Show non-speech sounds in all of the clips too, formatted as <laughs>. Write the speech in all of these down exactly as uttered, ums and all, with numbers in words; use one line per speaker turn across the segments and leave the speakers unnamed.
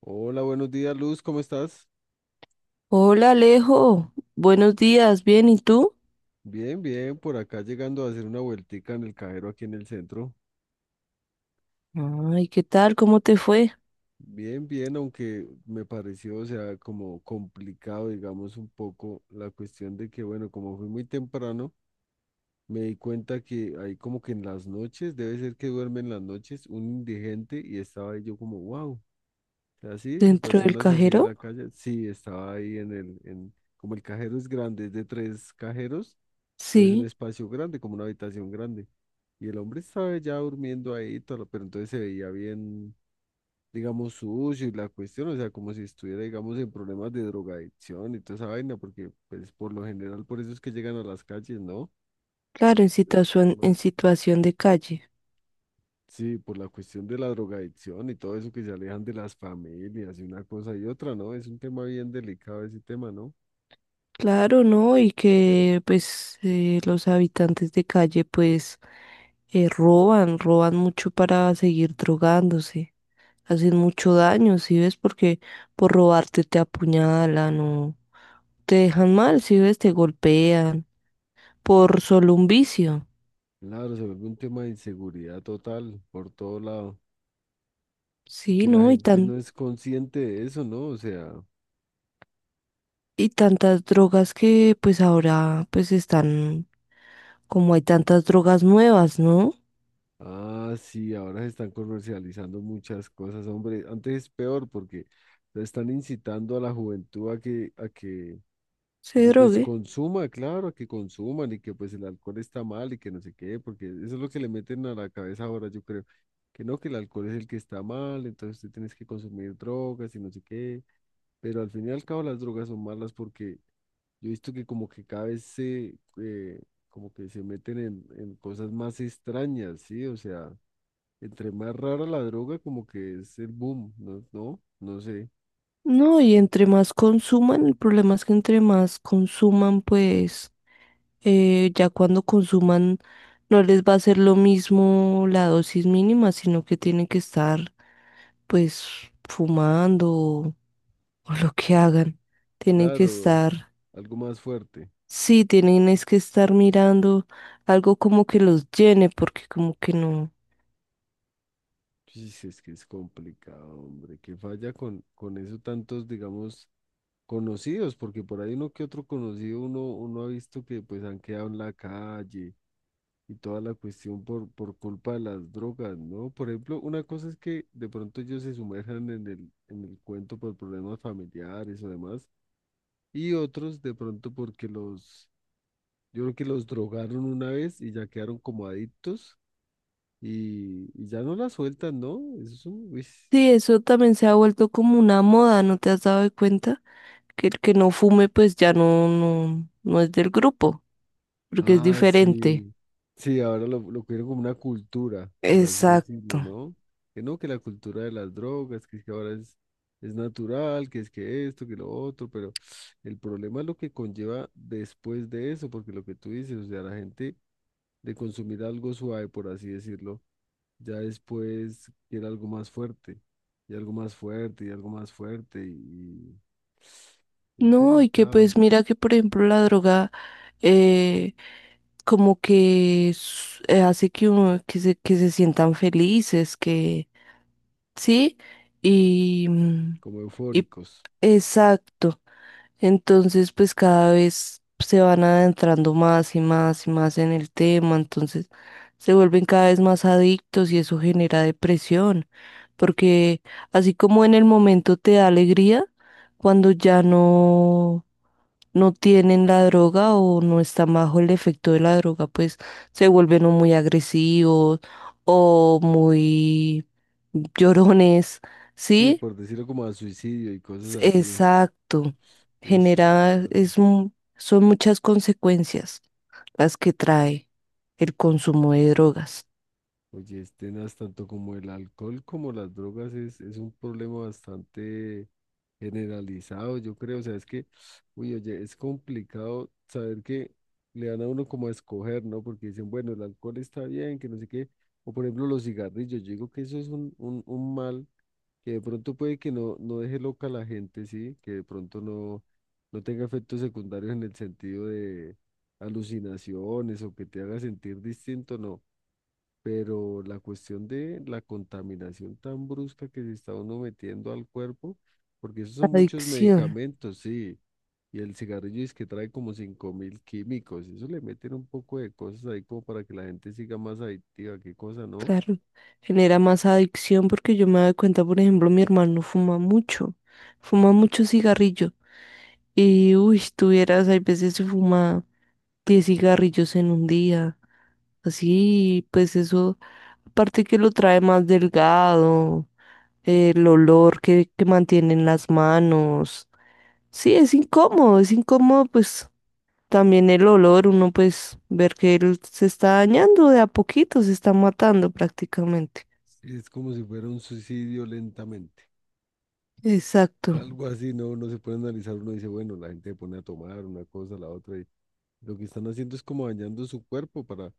Hola, buenos días, Luz, ¿cómo estás?
Hola Alejo, buenos días, bien, ¿y tú?
Bien, bien, por acá llegando a hacer una vueltica en el cajero aquí en el centro.
Ay, ¿qué tal? ¿Cómo te fue?
Bien, bien, aunque me pareció, o sea, como complicado, digamos, un poco la cuestión de que, bueno, como fui muy temprano, me di cuenta que ahí como que en las noches, debe ser que duermen las noches, un indigente, y estaba ahí yo como, wow, así,
¿Dentro del
personas así en
cajero?
la calle, sí, estaba ahí en el, en, como el cajero es grande, es de tres cajeros, entonces un
Sí,
espacio grande, como una habitación grande. Y el hombre estaba ya durmiendo ahí, todo, pero entonces se veía bien, digamos, sucio y la cuestión, o sea, como si estuviera, digamos, en problemas de drogadicción y toda esa vaina, porque, pues, por lo general, por eso es que llegan a las calles, ¿no?
claro,
O,
en
pues,
situación, en situación de calle.
sí, por la cuestión de la drogadicción y todo eso que se alejan de las familias y una cosa y otra, ¿no? Es un tema bien delicado ese tema, ¿no?
Claro, ¿no? Y que pues eh, los habitantes de calle pues eh, roban, roban mucho para seguir drogándose, hacen mucho daño, ¿sí ves? Porque por robarte te apuñalan o te dejan mal, ¿sí ves? Te golpean por solo un vicio.
Claro, se vuelve un tema de inseguridad total por todo lado, y
Sí,
que la
¿no? Y
gente
tan,
no es consciente de eso, ¿no? O sea...
y tantas drogas que pues ahora pues están, como hay tantas drogas nuevas, ¿no?
Ah, sí, ahora se están comercializando muchas cosas, hombre. Antes es peor porque se están incitando a la juventud a que, a que, a
Se
que pues
drogue.
consuma, claro, a que consuman, y que pues el alcohol está mal y que no sé qué, porque eso es lo que le meten a la cabeza ahora, yo creo, que no, que el alcohol es el que está mal, entonces tú tienes que consumir drogas y no sé qué, pero al fin y al cabo las drogas son malas porque yo he visto que como que cada vez se, eh, como que se meten en, en cosas más extrañas, ¿sí? O sea... Entre más rara la droga, como que es el boom, ¿no? No, no sé.
No, y entre más consuman, el problema es que entre más consuman, pues eh, ya cuando consuman no les va a ser lo mismo la dosis mínima, sino que tienen que estar pues fumando o, o lo que hagan. Tienen que
Claro,
estar,
algo más fuerte.
sí, tienen es que estar mirando algo como que los llene, porque como que no.
Sí, es que es complicado, hombre. Qué falla con, con eso tantos, digamos, conocidos, porque por ahí uno que otro conocido, uno, uno ha visto que pues han quedado en la calle y toda la cuestión por, por culpa de las drogas, ¿no? Por ejemplo, una cosa es que de pronto ellos se sumerjan en el, en el cuento por problemas familiares o demás, y otros de pronto porque los... Yo creo que los drogaron una vez y ya quedaron como adictos y, y ya no la sueltan, ¿no? Eso es un... uy.
Sí, eso también se ha vuelto como una moda, ¿no te has dado cuenta? Que el que no fume pues ya no, no, no es del grupo, porque es
Ah,
diferente.
sí. Sí, ahora lo, lo quieren como una cultura, por así
Exacto.
decirlo, ¿no? Que no, que la cultura de las drogas, que es que ahora es, es natural, que es que esto, que lo otro, pero el problema es lo que conlleva después de eso, porque lo que tú dices, o sea, la gente de consumir algo suave, por así decirlo, ya después quiere algo más fuerte, y algo más fuerte, y algo más fuerte, y y es
No, y que
delicado,
pues mira que por ejemplo la droga eh, como que s- eh, hace que uno que se, que se sientan felices, que sí, y, mm,
como
y
eufóricos.
Exacto. Entonces, pues cada vez se van adentrando más y más y más en el tema, entonces se vuelven cada vez más adictos y eso genera depresión, porque así como en el momento te da alegría, cuando ya no, no tienen la droga o no están bajo el efecto de la droga, pues se vuelven o muy agresivos o muy llorones,
Sí,
¿sí?
por decirlo como a suicidio y cosas
S-
así.
Exacto.
Uy, sí,
Genera,
claro.
es, mu- son muchas consecuencias las que trae el consumo de drogas.
Oye, este, Nas, tanto como el alcohol como las drogas es, es un problema bastante generalizado, yo creo, o sea, es que, uy, oye, es complicado saber que le dan a uno como a escoger, ¿no? Porque dicen, bueno, el alcohol está bien, que no sé qué, o por ejemplo los cigarrillos, yo digo que eso es un, un, un mal que de pronto puede que no, no deje loca a la gente, ¿sí? Que de pronto no, no tenga efectos secundarios en el sentido de alucinaciones o que te haga sentir distinto, no. Pero la cuestión de la contaminación tan brusca que se está uno metiendo al cuerpo, porque esos son muchos
Adicción,
medicamentos, sí. Y el cigarrillo es que trae como cinco mil químicos. Eso le meten un poco de cosas ahí como para que la gente siga más adictiva. Qué cosa, ¿no?
claro. Genera más adicción porque yo me doy cuenta, por ejemplo, mi hermano fuma mucho, fuma mucho cigarrillo. Y, uy, tuvieras, hay veces se fuma diez cigarrillos en un día. Así, pues eso, aparte que lo trae más delgado, el olor que, que mantiene en las manos. Sí, es incómodo, es incómodo, pues también el olor, uno pues ver que él se está dañando de a poquito, se está matando prácticamente.
Es como si fuera un suicidio lentamente. <laughs>
Exacto,
Algo así, ¿no? Uno se puede analizar, uno dice, bueno, la gente se pone a tomar una cosa, la otra. Y lo que están haciendo es como dañando su cuerpo para...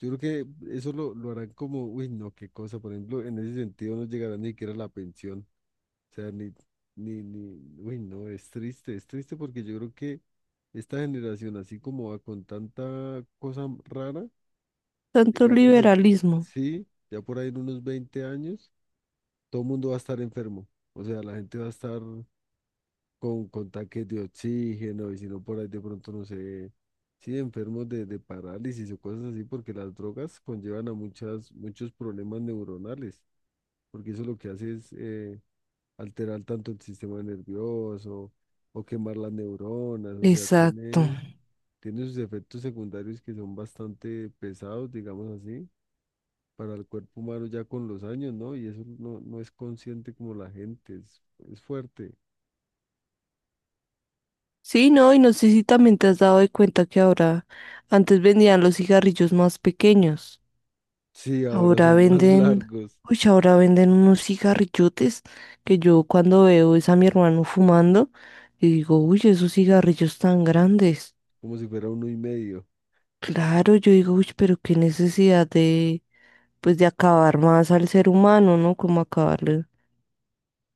Yo creo que eso lo, lo harán como, uy, no, qué cosa, por ejemplo, en ese sentido no llegará ni siquiera la pensión, o sea, ni, ni, ni, uy, no, es triste, es triste porque yo creo que esta generación, así como va con tanta cosa rara,
tanto
digamos, en-
liberalismo.
sí, ya por ahí en unos veinte años, todo el mundo va a estar enfermo, o sea, la gente va a estar con, con tanques de oxígeno, y si no por ahí de pronto no sé, sí, enfermos de, de parálisis o cosas así, porque las drogas conllevan a muchas, muchos problemas neuronales, porque eso lo que hace es eh, alterar tanto el sistema nervioso o quemar las neuronas, o sea,
Exacto.
tiene, tiene sus efectos secundarios que son bastante pesados, digamos así, para el cuerpo humano ya con los años, ¿no? Y eso no, no es consciente como la gente, es, es fuerte.
Sí, no, y no sé si también te has dado de cuenta que ahora, antes vendían los cigarrillos más pequeños,
Sí, ahora
ahora
son <laughs> más
venden,
largos.
uy, ahora venden unos cigarrillotes que yo cuando veo es a mi hermano fumando y digo, uy, esos cigarrillos tan grandes.
Como si fuera uno y medio.
Claro, yo digo, uy, pero qué necesidad de, pues, de acabar más al ser humano, ¿no? Como acabarle,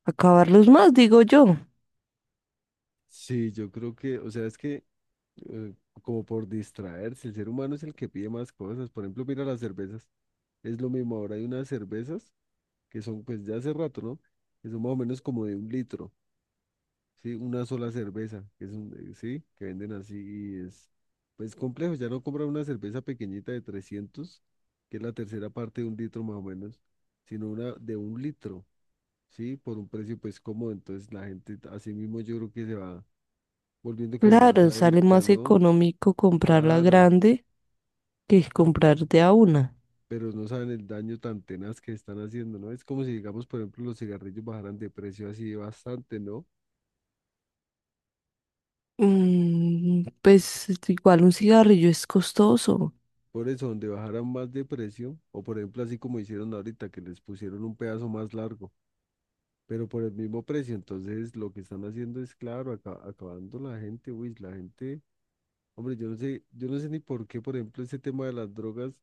acabarlos más, digo yo.
Sí, yo creo que, o sea, es que eh, como por distraerse, el ser humano es el que pide más cosas. Por ejemplo, mira las cervezas, es lo mismo. Ahora hay unas cervezas que son, pues ya hace rato, ¿no? Que son más o menos como de un litro, ¿sí? Una sola cerveza, que es un, eh, sí, que venden así y es, pues complejo. Ya no compran una cerveza pequeñita de trescientos, que es la tercera parte de un litro más o menos, sino una de un litro, ¿sí? Por un precio pues cómodo. Entonces la gente, así mismo yo creo que se va volviendo como más
Claro, sale
adicta,
más
¿no?
económico comprar la
Claro,
grande que comprar de a una.
pero no saben el daño tan tenaz que están haciendo, ¿no? Es como si, digamos, por ejemplo, los cigarrillos bajaran de precio así bastante, ¿no?
Mm, pues igual un cigarrillo es costoso.
Por eso, donde bajaran más de precio, o por ejemplo, así como hicieron ahorita, que les pusieron un pedazo más largo, pero por el mismo precio, entonces lo que están haciendo es, claro, aca- acabando la gente, uy, la gente, hombre, yo no sé, yo no sé ni por qué, por ejemplo, ese tema de las drogas.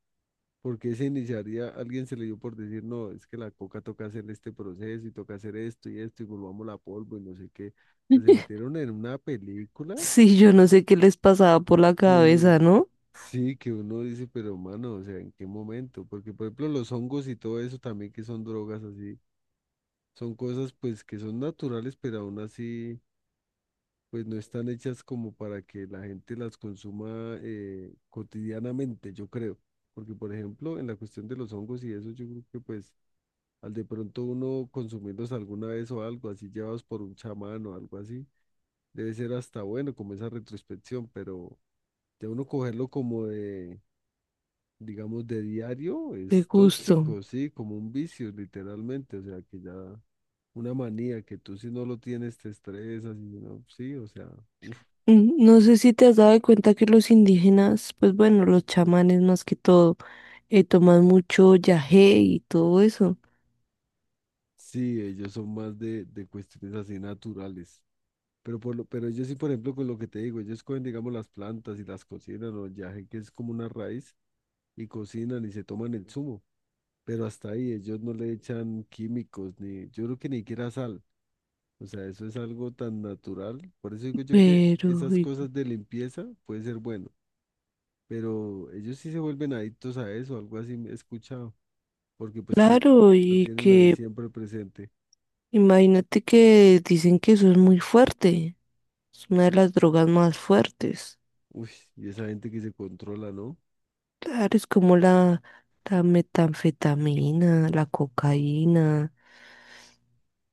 Porque se iniciaría, alguien se le dio por decir, no, es que la coca toca hacer este proceso y toca hacer esto y esto y volvamos la polvo y no sé qué. O sea, se
<laughs>
metieron en una película
Sí, yo no sé qué les pasaba por la cabeza,
que
¿no?
sí, que uno dice, pero mano, o sea, ¿en qué momento? Porque, por ejemplo, los hongos y todo eso también que son drogas así, son cosas pues que son naturales, pero aún así, pues no están hechas como para que la gente las consuma eh, cotidianamente, yo creo. Porque, por ejemplo, en la cuestión de los hongos y eso, yo creo que pues al de pronto uno consumirlos alguna vez o algo así, llevados por un chamán o algo así, debe ser hasta bueno como esa retrospección, pero de uno cogerlo como de, digamos, de diario
De
es
gusto.
tóxico, sí, como un vicio literalmente, o sea, que ya una manía que tú si no lo tienes te estresas y si no, sí, o sea, uff,
Mm, no sé si te has dado de cuenta que los indígenas, pues bueno, los chamanes más que todo, eh, toman mucho yagé y todo eso.
sí, ellos son más de, de cuestiones así naturales. Pero, por lo, pero ellos sí, por ejemplo, con lo que te digo, ellos cogen, digamos, las plantas y las cocinan, o el yaje, que es como una raíz, y cocinan y se toman el zumo, pero hasta ahí ellos no le echan químicos ni yo creo que ni siquiera sal. O sea, eso es algo tan natural. Por eso digo yo que
Pero,
esas
y
cosas de limpieza puede ser bueno, pero ellos sí se vuelven adictos a eso, algo así me he escuchado, porque pues como
claro,
la
y
tienen ahí
que
siempre presente.
imagínate que dicen que eso es muy fuerte, es una de las drogas más fuertes.
Uy, y esa gente que se controla, ¿no?
Claro, es como la, la metanfetamina, la cocaína,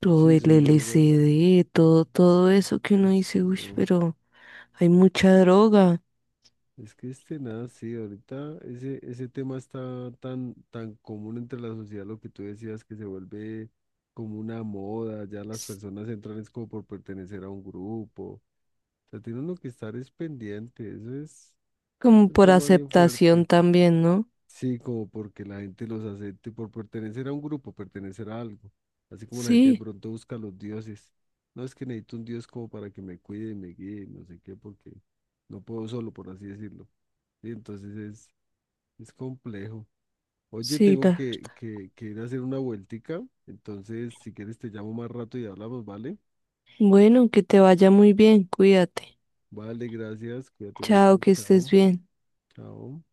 todo
Sí,
el
son drogas.
L S D, todo, todo eso que uno
Uy,
dice, uy,
no.
pero hay mucha droga.
Es que este nada, sí, ahorita ese, ese tema está tan, tan común entre la sociedad, lo que tú decías, que se vuelve como una moda, ya las
Es
personas entran es como por pertenecer a un grupo, o sea, tiene uno que estar es pendiente, eso es,
como
un
por
tema bien fuerte,
aceptación también, ¿no?
sí, como porque la gente los acepte por pertenecer a un grupo, pertenecer a algo, así como la gente de
Sí,
pronto busca a los dioses, no, es que necesito un dios como para que me cuide y me guíe, no sé qué, porque no puedo solo, por así decirlo. Y entonces es complejo. Oye,
sí,
tengo
la-
que, que, que ir a hacer una vueltica. Entonces, si quieres, te llamo más rato y hablamos, ¿vale?
Bueno, que te vaya muy bien, cuídate.
Vale, gracias. Cuídate mucho.
Chao, que estés
Chao.
bien.
Chao.